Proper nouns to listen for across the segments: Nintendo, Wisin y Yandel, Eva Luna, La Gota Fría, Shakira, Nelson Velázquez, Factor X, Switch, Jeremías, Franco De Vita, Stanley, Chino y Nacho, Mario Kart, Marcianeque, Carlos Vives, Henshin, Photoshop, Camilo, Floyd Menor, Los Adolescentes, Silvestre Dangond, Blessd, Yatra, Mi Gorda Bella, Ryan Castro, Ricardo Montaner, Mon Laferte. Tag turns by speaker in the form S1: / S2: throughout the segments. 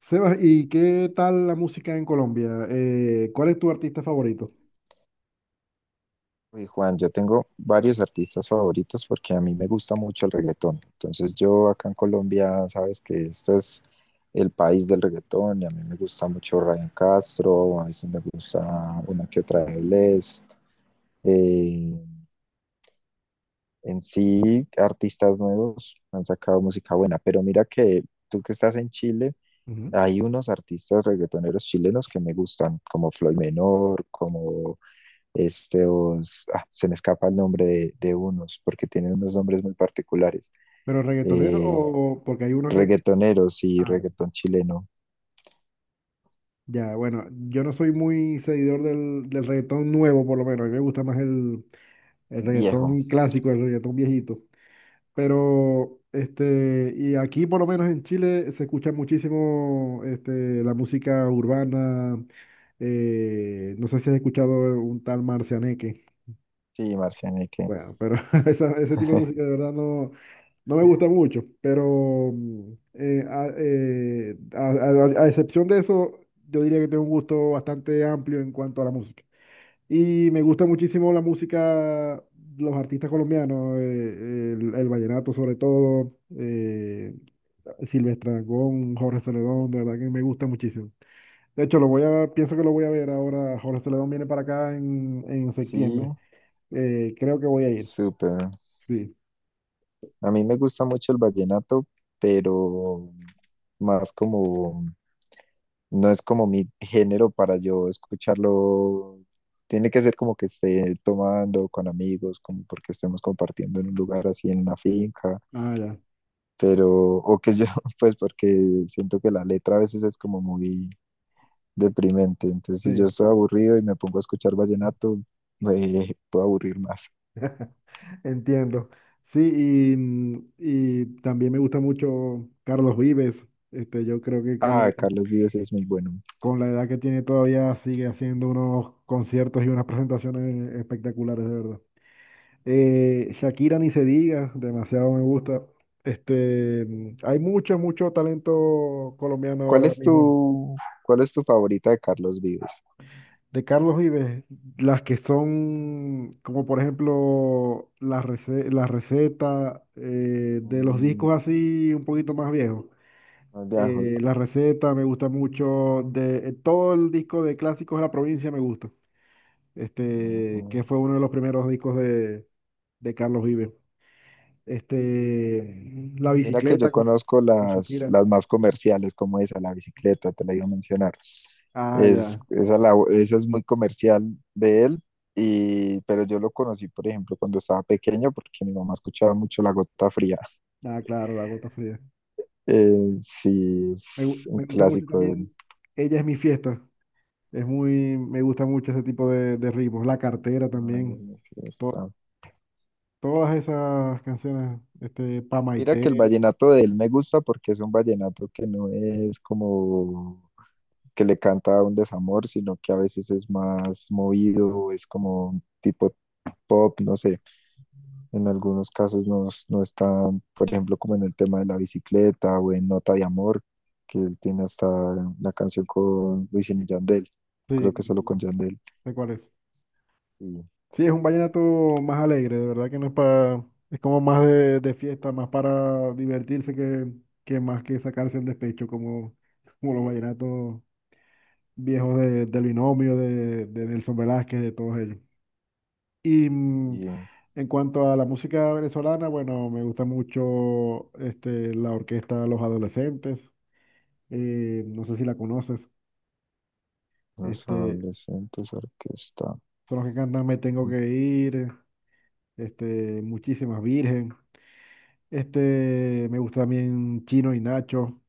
S1: Sebas, ¿y qué tal la música en Colombia? ¿Cuál es tu artista favorito?
S2: Uy, Juan, yo tengo varios artistas favoritos porque a mí me gusta mucho el reggaetón. Entonces yo acá en Colombia, sabes que esto es el país del reggaetón y a mí me gusta mucho Ryan Castro, a veces me gusta una que otra de Blessd. Eh, en sí, artistas nuevos han sacado música buena, pero mira que tú que estás en Chile,
S1: Ujú.
S2: hay unos artistas reggaetoneros chilenos que me gustan, como Floyd Menor, como se me escapa el nombre de unos, porque tienen unos nombres muy particulares,
S1: ¿Pero reggaetonero
S2: eh,
S1: o porque hay uno que...
S2: reggaetoneros y
S1: Ah,
S2: reggaetón chileno
S1: ya, bueno, yo no soy muy seguidor del reggaetón nuevo, por lo menos. A mí me gusta más el
S2: viejo.
S1: reggaetón clásico, el reggaetón viejito. Pero, este, y aquí por lo menos en Chile se escucha muchísimo este, la música urbana. No sé si has escuchado un tal Marcianeque.
S2: Sí, Marcianeque.
S1: Bueno, pero ese tipo de música de verdad no... No me gusta mucho, pero a excepción de eso, yo diría que tengo un gusto bastante amplio en cuanto a la música. Y me gusta muchísimo los artistas colombianos, el vallenato sobre todo, Silvestre Dangond, Jorge Celedón, de verdad que me gusta muchísimo. De hecho, pienso que lo voy a ver ahora. Jorge Celedón viene para acá en
S2: Sí,
S1: septiembre. Creo que voy a ir.
S2: súper.
S1: Sí.
S2: A mí me gusta mucho el vallenato, pero más como, no es como mi género para yo escucharlo. Tiene que ser como que esté tomando con amigos, como porque estemos compartiendo en un lugar así en una finca
S1: Ah, ya.
S2: pero, o que yo, pues porque siento que la letra a veces es como muy deprimente, entonces si yo
S1: Sí.
S2: estoy aburrido y me pongo a escuchar vallenato, me puedo aburrir más.
S1: Entiendo. Sí, y también me gusta mucho Carlos Vives. Este, yo creo que
S2: Ah, Carlos Vives es muy bueno.
S1: con la edad que tiene todavía sigue haciendo unos conciertos y unas presentaciones espectaculares, de verdad. Shakira ni se diga, demasiado me gusta. Hay mucho talento colombiano
S2: ¿Cuál
S1: ahora
S2: es
S1: mismo.
S2: tu, ¿cuál es tu favorita de Carlos Vives?
S1: De Carlos Vives, las que son, como por ejemplo, la receta, de los
S2: Mm,
S1: discos así un poquito más viejos.
S2: los viejos.
S1: La receta me gusta mucho, de todo el disco de Clásicos de la Provincia me gusta, este, que fue uno de los primeros discos de Carlos Vives. Este, La
S2: Mira que yo
S1: Bicicleta
S2: conozco
S1: con Shakira.
S2: las más comerciales, como esa, la bicicleta, te la iba a mencionar.
S1: Ah, ya,
S2: Esa, esa es muy comercial de él, y, pero yo lo conocí, por ejemplo, cuando estaba pequeño, porque mi mamá escuchaba mucho La Gota Fría.
S1: ah, claro, La Gota Fría.
S2: Sí, es un
S1: Me gusta mucho
S2: clásico de él.
S1: también, Ella Es Mi Fiesta. Es muy, me gusta mucho ese tipo de ritmos. La Cartera
S2: Ah, no es
S1: también.
S2: mi
S1: To-
S2: fiesta.
S1: Todas esas canciones, este, Pa'
S2: Mira que el
S1: Maite,
S2: vallenato de él me gusta porque es un vallenato que no es como que le canta a un desamor, sino que a veces es más movido, es como un tipo pop, no sé, en algunos casos no, no está, por ejemplo, como en el tema de la bicicleta o en Nota de Amor, que él tiene hasta la canción con Wisin y Yandel, creo
S1: sí,
S2: que solo con
S1: no
S2: Yandel.
S1: sé cuál es.
S2: Sí,
S1: Sí, es un vallenato más alegre, de verdad que no es para, es como más de fiesta, más para divertirse que más que sacarse el despecho, como, como los vallenatos viejos del Binomio, de Nelson Velázquez, de todos ellos. Y mm,
S2: y eh,
S1: en cuanto a la música venezolana, bueno, me gusta mucho este, la orquesta Los Adolescentes. No sé si la conoces.
S2: los
S1: Este,
S2: adolescentes orquesta.
S1: son los que cantan Me Tengo Que Ir, este, Muchísimas Virgen. Este, me gusta también Chino y Nacho.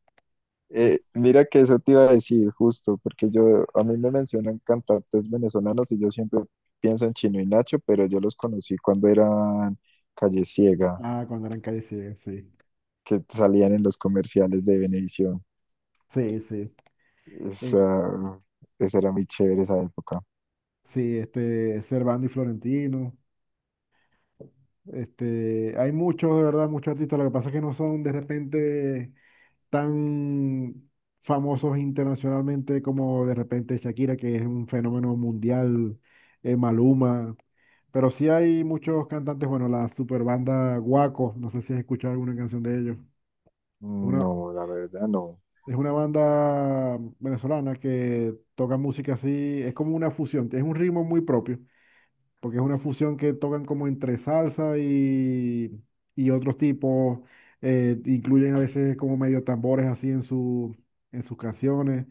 S1: es-
S2: Mira que eso te iba a decir justo, porque yo, a mí me mencionan cantantes venezolanos y yo siempre pienso en Chino y Nacho, pero yo los conocí cuando eran Calle Ciega,
S1: ah, cuando eran Calle 100, sí.
S2: que salían en los comerciales de Venevisión.
S1: Sí, sí. eh,
S2: Esa, esa era muy chévere esa época.
S1: sí, este, Servando y Florentino. Este, hay muchos, de verdad, muchos artistas. Lo que pasa es que no son de repente tan famosos internacionalmente como de repente Shakira, que es un fenómeno mundial, Maluma, pero sí hay muchos cantantes, bueno, la super banda Guaco, no sé si has escuchado alguna canción de ellos. Es una,
S2: No, la verdad no.
S1: es una banda venezolana que toca música así, es como una fusión, es un ritmo muy propio, porque es una fusión que tocan como entre salsa y otros tipos, incluyen a veces como medio tambores así en en sus canciones.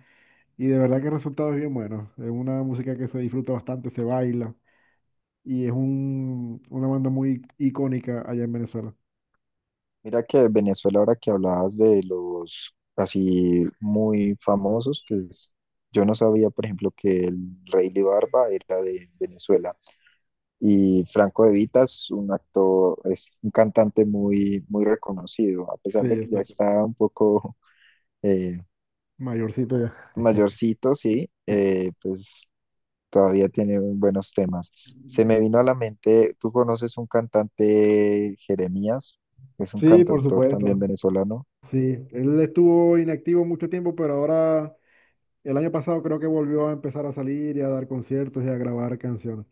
S1: Y de verdad que el resultado es bien bueno. Es una música que se disfruta bastante, se baila. Y es una banda muy icónica allá en Venezuela.
S2: Mira que Venezuela, ahora que hablabas de los así muy famosos, pues yo no sabía, por ejemplo, que el Rey de Barba era de Venezuela. Y Franco De Vita es un actor, es un cantante muy, muy reconocido, a
S1: Sí,
S2: pesar de que ya
S1: exacto.
S2: está un poco eh,
S1: Mayorcito ya.
S2: mayorcito, sí, pues todavía tiene un- buenos temas. Se me vino a la mente, ¿tú conoces un cantante Jeremías? Es un
S1: Sí, por
S2: cantautor también
S1: supuesto.
S2: venezolano.
S1: Sí, él estuvo inactivo mucho tiempo, pero ahora, el año pasado creo que volvió a empezar a salir y a dar conciertos y a grabar canciones.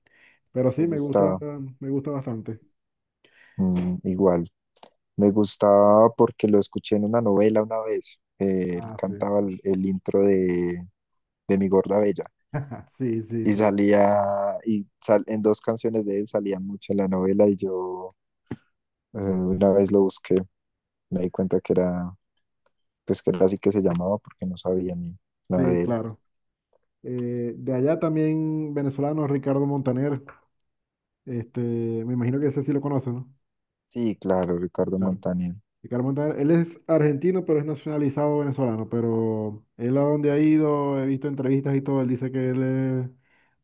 S1: Pero
S2: Me
S1: sí, me
S2: gustaba,
S1: me gusta bastante.
S2: mm, igual. Me gustaba porque lo escuché en una novela una vez. Él
S1: Ah, sí.
S2: cantaba el intro de Mi Gorda Bella.
S1: Sí, sí,
S2: Y
S1: sí.
S2: salía, y sal- en dos canciones de él salía mucho en la novela y yo una vez lo busqué, me di cuenta que era, pues que era así que se llamaba porque no sabía ni nada
S1: Sí,
S2: de él.
S1: claro. De allá también venezolano Ricardo Montaner. Este, me imagino que ese sí lo conoce, ¿no?
S2: Sí, claro, Ricardo
S1: Claro.
S2: Montaner.
S1: Ricardo Montaner, él es argentino, pero es nacionalizado venezolano. Pero él a donde ha ido, he visto entrevistas y todo, él dice que él es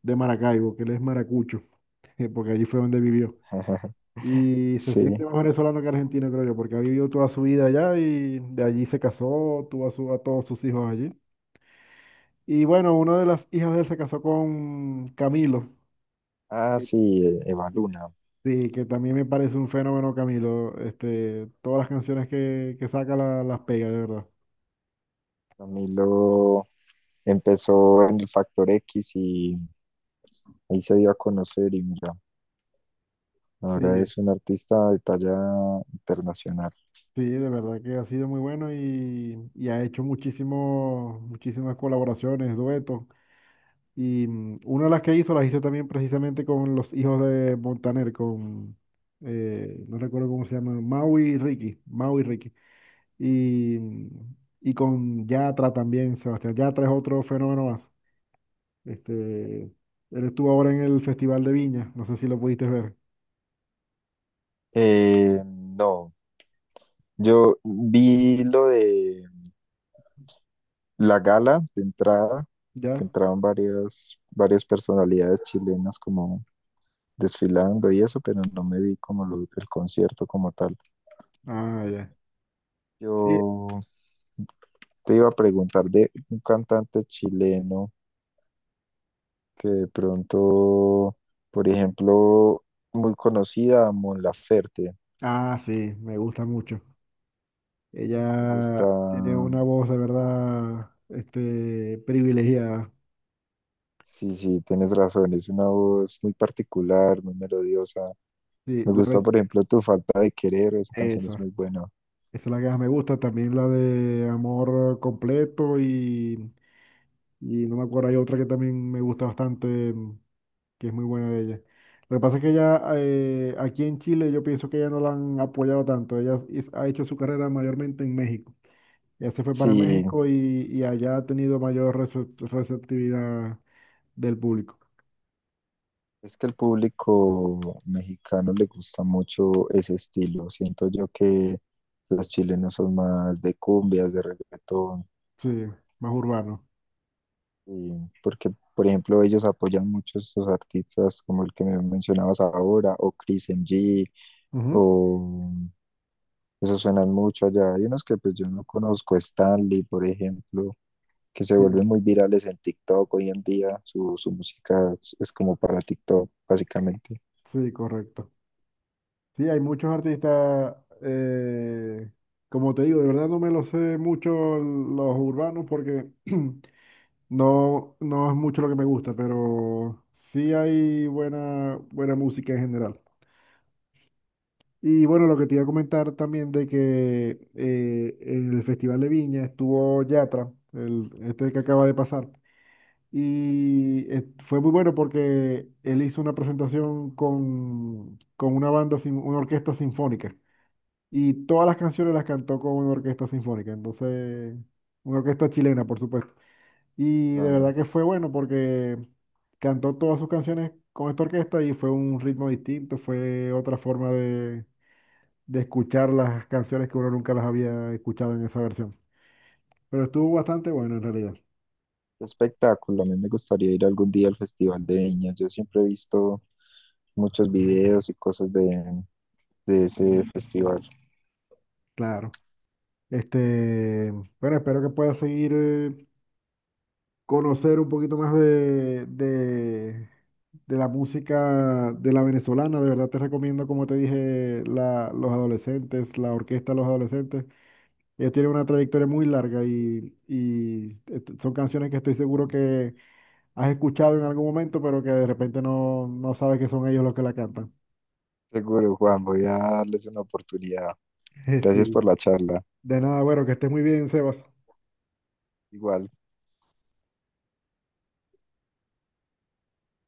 S1: de Maracaibo, que él es maracucho, porque allí fue donde vivió. Y se
S2: Sí.
S1: siente más venezolano que argentino, creo yo, porque ha vivido toda su vida allá y de allí se casó, tuvo a todos sus hijos allí. Y bueno, una de las hijas de él se casó con Camilo.
S2: Ah, sí, Eva
S1: que,
S2: Luna.
S1: Sí, que también me parece un fenómeno, Camilo. Este, todas las canciones que saca las pega, de verdad.
S2: Camilo empezó en el Factor X y ahí se dio a conocer y mira, ahora
S1: Sí,
S2: es un artista de talla internacional.
S1: sí, de verdad que ha sido muy bueno y ha hecho muchísimas colaboraciones, duetos. Una de las que hizo, las hizo también precisamente con los hijos de Montaner, no recuerdo cómo se llaman, Mau y Ricky. Y, mm, y con Yatra también, Sebastián. Yatra es otro fenómeno más. Este, él estuvo ahora en el Festival de Viña, no sé si lo pudiste ver.
S2: No, yo vi lo de la gala de entrada, que
S1: ¿Ya?
S2: entraban varias personalidades chilenas como desfilando y eso, pero no me vi como lo- el concierto como tal.
S1: Ah, ya. Sí.
S2: Yo te iba a preguntar de un cantante chileno que de pronto, por ejemplo, muy conocida, Mon Laferte.
S1: Ah, sí, me gusta mucho.
S2: Me gusta,
S1: Ella tiene una voz de verdad, este, privilegiada.
S2: sí, sí, tienes razón, es una voz muy particular, muy melodiosa.
S1: Sí,
S2: Me gusta, por ejemplo, Tu falta de querer, esa canción es
S1: esa.
S2: muy buena.
S1: Esa es la que más me gusta. También la de Amor Completo y no me acuerdo, hay otra que también me gusta bastante, que es muy buena de ella. Lo que pasa es que ella, aquí en Chile yo pienso que ella no la han apoyado tanto. Ha hecho su carrera mayormente en México. Ya se fue para
S2: Sí,
S1: México y allá ha tenido mayor receptividad del público.
S2: es que al público mexicano le gusta mucho ese estilo. Siento yo que los chilenos son más de cumbias, de reggaetón.
S1: Sí, más urbano.
S2: Y porque, por ejemplo, ellos apoyan mucho a estos artistas como el que me mencionabas ahora, o Chris MG,
S1: Ujú.
S2: o esos suenan mucho allá. Hay unos que pues yo no conozco, Stanley, por ejemplo, que se
S1: Sí,
S2: vuelven muy virales en TikTok hoy en día. Su música es como para TikTok, básicamente.
S1: sí, correcto. Sí, hay muchos artistas, eh, como te digo, de verdad no me lo sé mucho los urbanos porque no, no es mucho lo que me gusta, pero sí hay buena música en general. Y bueno, lo que te iba a comentar también de que en el Festival de Viña estuvo Yatra, este que acaba de pasar. Y fue muy bueno porque él hizo una presentación con una banda, sin, una orquesta sinfónica. Y todas las canciones las cantó con una orquesta sinfónica. Entonces, una orquesta chilena, por supuesto. Y de verdad
S2: Claro.
S1: que fue bueno porque cantó todas sus canciones con esta orquesta y fue un ritmo distinto, fue otra forma de escuchar las canciones que uno nunca las había escuchado en esa versión. Pero estuvo bastante bueno en realidad,
S2: Espectáculo. A mí me gustaría ir algún día al Festival de Viña. Yo siempre he visto muchos videos y cosas de ese festival.
S1: claro. Este, bueno, espero que puedas seguir, conocer un poquito más de la música de la venezolana. De verdad te recomiendo, como te dije, Los Adolescentes, la orquesta de Los Adolescentes. Ellos tienen una trayectoria muy larga y son canciones que estoy seguro que has escuchado en algún momento, pero que de repente no, no sabes que son ellos los que la cantan.
S2: Seguro, Juan, voy a darles una oportunidad. Gracias por
S1: Sí.
S2: la charla.
S1: De nada, bueno, que estés muy bien, Sebas.
S2: Igual.